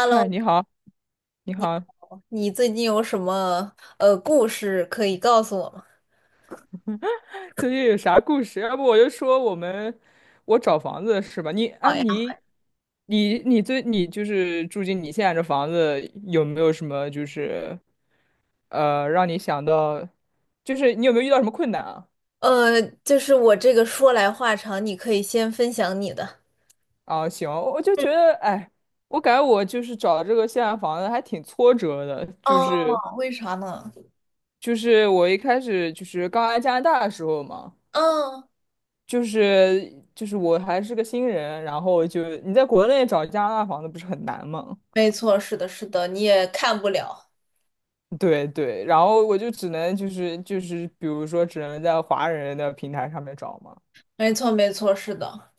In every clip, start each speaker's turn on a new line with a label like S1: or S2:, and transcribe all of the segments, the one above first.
S1: 嗨，你好，你好，
S2: 你最近有什么故事可以告诉我吗？
S1: 最近有啥故事？要不我就说我们，我找房子是吧？你，哎，你，你，你最，你就是住进你现在这房子，有没有什么就是，让你想到，就是你有没有遇到什么困难啊？
S2: 就是我这个说来话长，你可以先分享你的。
S1: 啊，行，我就觉得，哎，我感觉我就是找这个现在房子还挺挫折的，就是
S2: 哦，为啥呢？
S1: 就是我一开始就是刚来加拿大的时候嘛。
S2: 嗯，
S1: 就是我还是个新人，然后就你在国内找加拿大房子不是很难吗？
S2: 没错，是的，是的，你也看不了。
S1: 对对，然后我就只能就是比如说只能在华人的平台上面找嘛，
S2: 没错，没错，是的。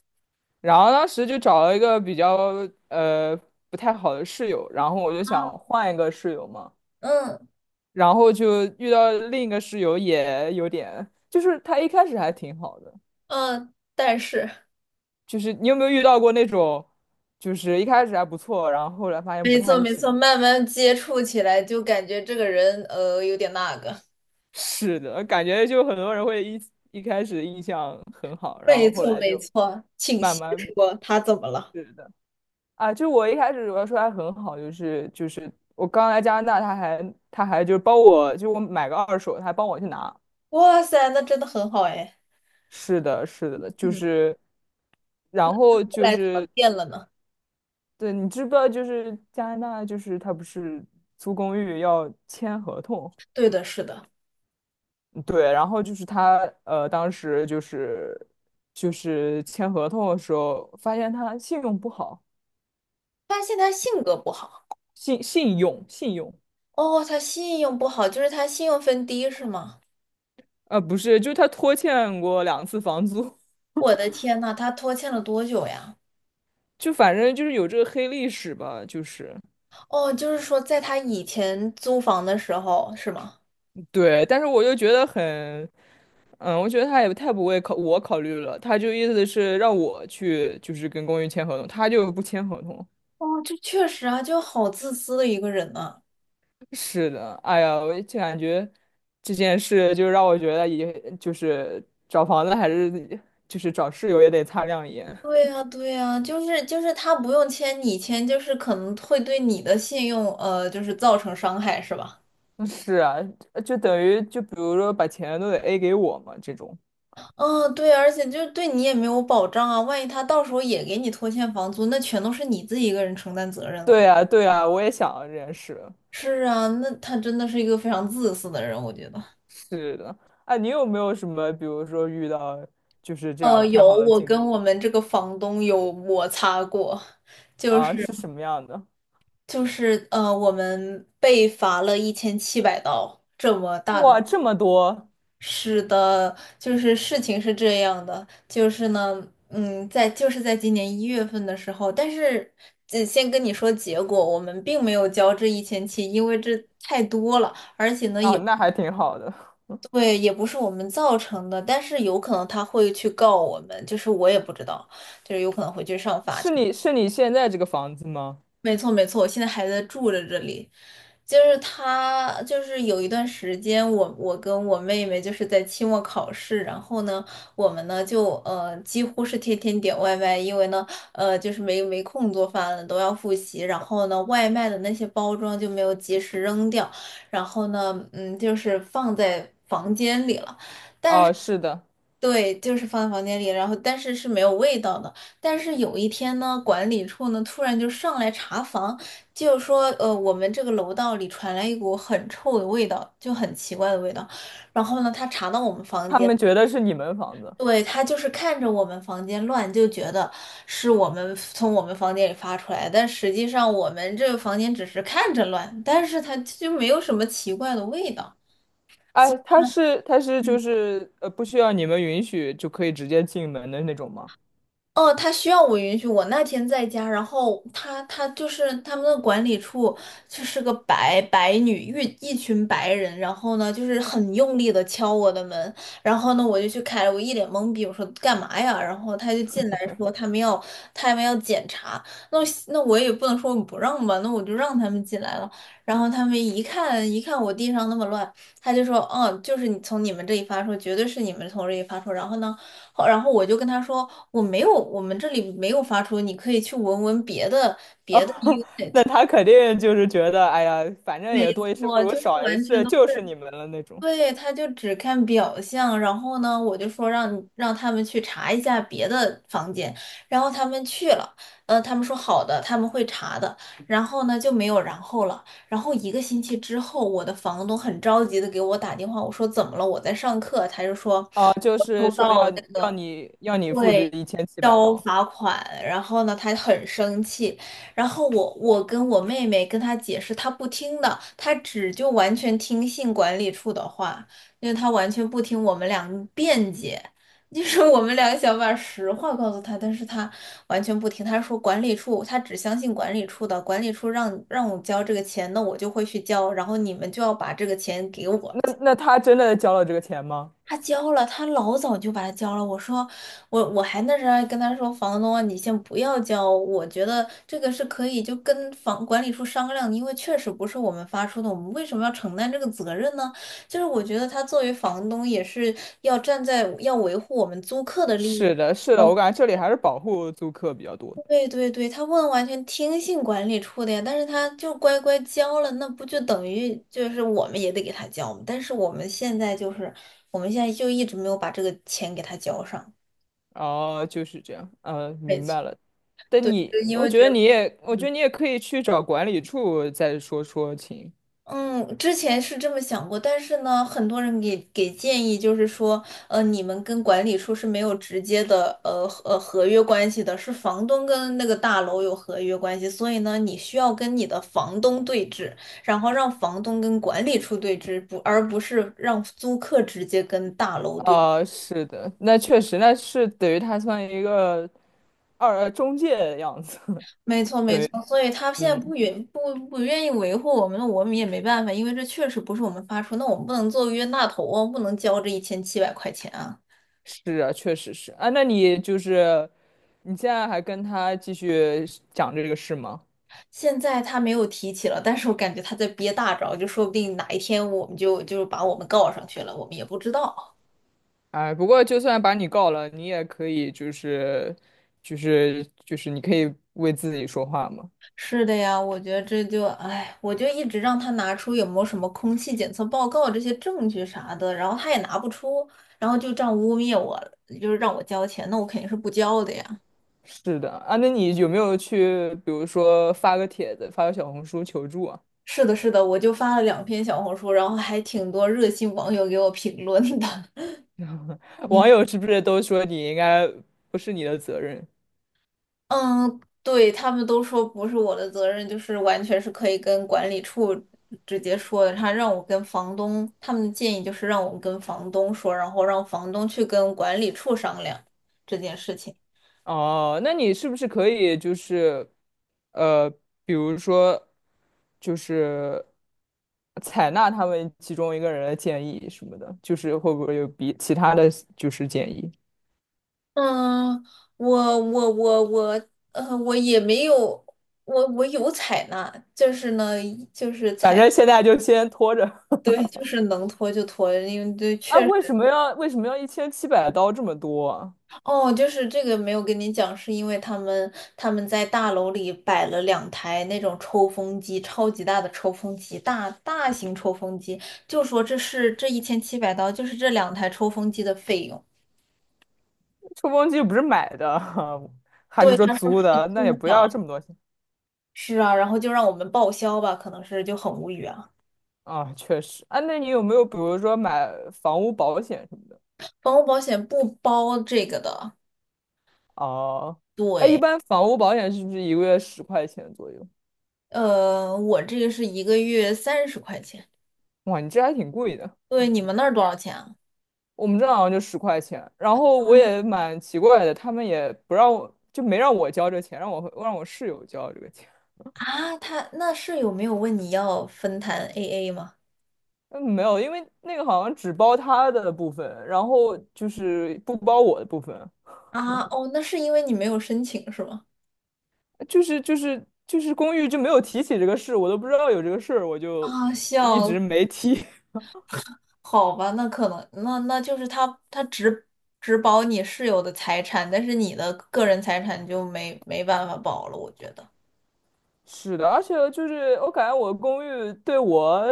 S1: 然后当时就找了一个比较呃不太好的室友，然后我就想换一个室友嘛，
S2: 嗯
S1: 然后就遇到另一个室友也有点，就是他一开始还挺好的，
S2: 嗯，但是
S1: 就是你有没有遇到过那种，就是一开始还不错，然后后来发现不
S2: 没错，
S1: 太
S2: 没错，
S1: 行。
S2: 慢慢接触起来就感觉这个人有点那个。
S1: 是的，感觉就很多人会一开始印象很好，然
S2: 没
S1: 后后
S2: 错，
S1: 来
S2: 没
S1: 就
S2: 错，请
S1: 慢
S2: 细
S1: 慢。
S2: 说，他怎么了？
S1: 是的啊。就我一开始我要说他很好，就是我刚来加拿大，他还就是帮我，就我买个二手，他还帮我去拿。
S2: 哇塞，那真的很好哎。
S1: 是的，是的，就
S2: 嗯，
S1: 是然后
S2: 后
S1: 就
S2: 来怎么
S1: 是
S2: 变了呢？
S1: 对，你知不知道就是加拿大就是他不是租公寓要签合同？
S2: 对的，是的，
S1: 对，然后就是他，当时就是签合同的时候，发现他信用不好。
S2: 发现他性格不好。
S1: 信用，
S2: 哦，他信用不好，就是他信用分低是吗？
S1: 不是，就是他拖欠过两次房租。
S2: 我的天呐，他拖欠了多久呀？
S1: 就反正就是有这个黑历史吧，就是
S2: 哦，就是说在他以前租房的时候是吗？
S1: 对，但是我就觉得很，嗯，我觉得他也太不为考我考虑了，他就意思是让我去就是跟公寓签合同，他就不签合同。
S2: 哦，这确实啊，就好自私的一个人呐。
S1: 是的，哎呀，我就感觉这件事就让我觉得也，就是找房子还是就是找室友也得擦亮眼。
S2: 对呀，对呀，就是他不用签，你签就是可能会对你的信用就是造成伤害是吧？
S1: 嗯是啊，就等于就比如说把钱都得 A 给我嘛，这种。
S2: 嗯，对，而且就对你也没有保障啊，万一他到时候也给你拖欠房租，那全都是你自己一个人承担责任
S1: 对
S2: 了。
S1: 呀，对呀，我也想到这件事。
S2: 是啊，那他真的是一个非常自私的人，我觉得。
S1: 是的，哎，你有没有什么，比如说遇到就是这样不太
S2: 有，
S1: 好的
S2: 我
S1: 经
S2: 跟
S1: 历？
S2: 我们这个房东有摩擦过，就
S1: 啊？
S2: 是
S1: 是什么样的？
S2: 我们被罚了一千七百刀，这么大的。
S1: 哇，这么多
S2: 是的，就是事情是这样的，就是呢，在就是在今年1月份的时候，但是只先跟你说结果，我们并没有交这一千七，因为这太多了，而且呢
S1: 啊，
S2: 也。
S1: 那还挺好的。
S2: 对，也不是我们造成的，但是有可能他会去告我们，就是我也不知道，就是有可能会去上法
S1: 是
S2: 庭。
S1: 你是你现在这个房子吗？
S2: 没错，没错，我现在还在住着这里，就是他，就是有一段时间我跟我妹妹就是在期末考试，然后呢，我们呢就几乎是天天点外卖，因为呢就是没空做饭了，都要复习，然后呢外卖的那些包装就没有及时扔掉，然后呢就是放在房间里了。
S1: 哦，是的。
S2: 对，就是放在房间里，然后但是是没有味道的。但是有一天呢，管理处呢突然就上来查房，就说我们这个楼道里传来一股很臭的味道，就很奇怪的味道。然后呢，他查到我们房
S1: 他
S2: 间，
S1: 们觉得是你们房子。
S2: 对，他就是看着我们房间乱，就觉得是我们从我们房间里发出来，但实际上我们这个房间只是看着乱，但是他就没有什么奇怪的味道。
S1: 哎，他是就是，不需要你们允许就可以直接进门的那种吗？
S2: 哦，他需要我允许。我那天在家，然后他就是他们的管理处就是个白女，一群白人，然后呢就是很用力的敲我的门，然后呢我就去开了，我一脸懵逼，我说干嘛呀？然后他就进来说他们要检查，那我也不能说我不让吧，那我就让他们进来了。然后他们一看一看我地上那么乱，他就说，就是你从你们这里发出，绝对是你们从这里发出。然后呢。然后我就跟他说，我没有，我们这里没有发出，你可以去闻闻别的
S1: 啊，那
S2: it。
S1: 他肯定就是觉得，哎呀，反正
S2: 没
S1: 也多一事不
S2: 错，
S1: 如
S2: 就是
S1: 少一
S2: 完全
S1: 事，
S2: 都是，
S1: 就是你们了那种。
S2: 对，他就只看表象。然后呢，我就说让他们去查一下别的房间，然后他们去了，他们说好的，他们会查的。然后呢，就没有然后了。然后一个星期之后，我的房东很着急的给我打电话，我说怎么了？我在上课，他就说。
S1: 哦，就
S2: 收
S1: 是说要
S2: 到那个。
S1: 要你付这
S2: 对，
S1: 一千七百
S2: 交
S1: 刀。
S2: 罚款，然后呢，他很生气，然后我跟我妹妹跟他解释，他不听的，他只就完全听信管理处的话，因为他完全不听我们俩辩解，就是 我们俩想把实话告诉他，但是他完全不听，他说管理处，他只相信管理处的，管理处让我交这个钱，那我就会去交，然后你们就要把这个钱给我。
S1: 那他真的交了这个钱吗？
S2: 他交了，他老早就把它交了。我说，我还那时候还跟他说，房东啊，你先不要交，我觉得这个是可以就跟房管理处商量的，因为确实不是我们发出的，我们为什么要承担这个责任呢？就是我觉得他作为房东也是要站在要维护我们租客的利益。
S1: 是的，是的，我
S2: 嗯
S1: 感觉这里还是保护租客比较多的。
S2: 对对对，他不能完全听信管理处的呀，但是他就乖乖交了，那不就等于就是我们也得给他交吗？但是我们现在就是，我们现在就一直没有把这个钱给他交上。
S1: 哦，就是这样，嗯，
S2: 没
S1: 明
S2: 错，
S1: 白了。但
S2: 对，就
S1: 你，
S2: 因
S1: 我
S2: 为
S1: 觉
S2: 觉
S1: 得
S2: 得。
S1: 你也，我觉得你也可以去找管理处再说说情。
S2: 嗯，之前是这么想过，但是呢，很多人给建议，就是说，你们跟管理处是没有直接的，合约关系的，是房东跟那个大楼有合约关系，所以呢，你需要跟你的房东对峙，然后让房东跟管理处对峙，不，而不是让租客直接跟大楼对峙
S1: 啊，是的，那确实，那是等于他算一个中介的样子。
S2: 没错，没
S1: 对，
S2: 错，所以他现在
S1: 嗯，
S2: 不愿意维护我们，那我们也没办法，因为这确实不是我们发出，那我们不能做冤大头啊，不能交这1700块钱啊。
S1: 是啊，确实是啊。那你就是，你现在还跟他继续讲这个事吗？
S2: 现在他没有提起了，但是我感觉他在憋大招，就说不定哪一天我们就把我们告上去了，我们也不知道。
S1: 哎，不过就算把你告了，你也可以就是，就是你可以为自己说话吗？
S2: 是的呀，我觉得这就，哎，我就一直让他拿出有没有什么空气检测报告这些证据啥的，然后他也拿不出，然后就这样污蔑我，就是让我交钱，那我肯定是不交的呀。
S1: 是的啊，那你有没有去，比如说发个帖子，发个小红书求助啊？
S2: 是的，是的，我就发了两篇小红书，然后还挺多热心网友给我评论的。
S1: 网 友是不是都说你应该不是你的责任？
S2: 嗯，对，他们都说不是我的责任，就是完全是可以跟管理处直接说的。他让我跟房东，他们的建议就是让我跟房东说，然后让房东去跟管理处商量这件事情。
S1: 哦，那你是不是可以就是，呃，比如说，就是采纳他们其中一个人的建议什么的，就是会不会有比其他的就是建议？
S2: 嗯，我我也没有，我有采纳，就是呢，就是
S1: 反
S2: 采，
S1: 正现在就先拖着。
S2: 对，就是能拖就拖，因为对，
S1: 啊，为什么要一千七百刀这么多啊？
S2: 哦，就是这个没有跟你讲，是因为他们在大楼里摆了两台那种抽风机，超级大的抽风机，大型抽风机，就说这是这一千七百刀，就是这两台抽风机的费用。
S1: 吹风机又不是买的，还是
S2: 对，
S1: 说
S2: 他
S1: 租的？那也
S2: 出
S1: 不要
S2: 的。
S1: 这么多钱
S2: 是啊，然后就让我们报销吧，可能是就很无语啊。
S1: 啊，确实啊。那你有没有比如说买房屋保险什么的？
S2: 房屋保险不包这个的，
S1: 哦，哎，一般房屋保险是不是一个月10块钱左右？
S2: 我这个是一个月30块钱。
S1: 哇，你这还挺贵的。
S2: 对，你们那儿多少钱啊？
S1: 我们这好像就十块钱，然后我也蛮奇怪的，他们也不让我，就没让我交这钱，让我室友交这个钱。
S2: 啊，他那室友没有问你要分摊 AA 吗？
S1: 嗯，没有，因为那个好像只包他的部分，然后就是不包我的部分，
S2: 啊，哦，那是因为你没有申请是吗？
S1: 就是就是公寓就没有提起这个事，我都不知道有这个事儿，我就
S2: 啊，
S1: 一直
S2: 笑，
S1: 没提。
S2: 好吧，那可能，那就是他只保你室友的财产，但是你的个人财产就没办法保了，我觉得。
S1: 是的，而且就是我感觉我公寓对我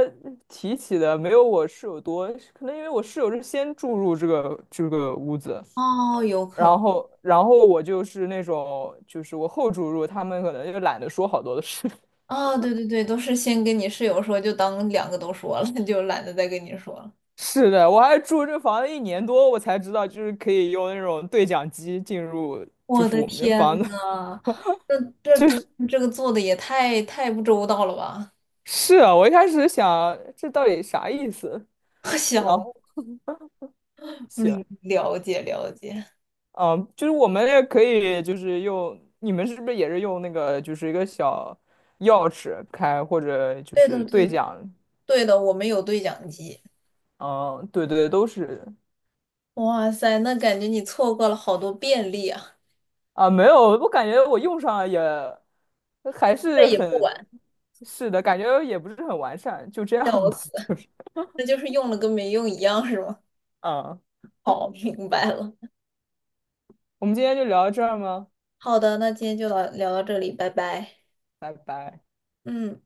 S1: 提起的没有我室友多，可能因为我室友是先住入这个屋子，
S2: 哦，有可
S1: 然
S2: 能。
S1: 后然后我就是那种就是我后住入，他们可能就懒得说好多的事。
S2: 啊，对对对，都是先跟你室友说，就当两个都说了，就懒得再跟你说了。
S1: 是的，我还住这房子一年多，我才知道就是可以用那种对讲机进入，就
S2: 我
S1: 是
S2: 的
S1: 我们这
S2: 天
S1: 房子。
S2: 呐，这他们这个做的也太不周到了吧？
S1: 是啊，我一开始想这到底啥意思，然
S2: 小
S1: 后行。
S2: 嗯，了解了解。
S1: 嗯，就是我们也可以，就是用你们是不是也是用那个，就是一个小钥匙开，或者就
S2: 对的
S1: 是
S2: 对
S1: 对
S2: 的
S1: 讲？
S2: 对的，我们有对讲机。
S1: 嗯，对对，都是。
S2: 哇塞，那感觉你错过了好多便利啊！
S1: 啊，没有，我感觉我用上也还
S2: 现在
S1: 是
S2: 也不
S1: 很，
S2: 晚，
S1: 是的，感觉也不是很完善，就这样
S2: 笑
S1: 吧，
S2: 死，
S1: 就是，
S2: 那就是用了跟没用一样，是吗？
S1: 啊，
S2: 好，明白了。
S1: 我们今天就聊到这儿吗？
S2: 好的，那今天就到聊到这里，拜拜。
S1: 拜拜。
S2: 嗯。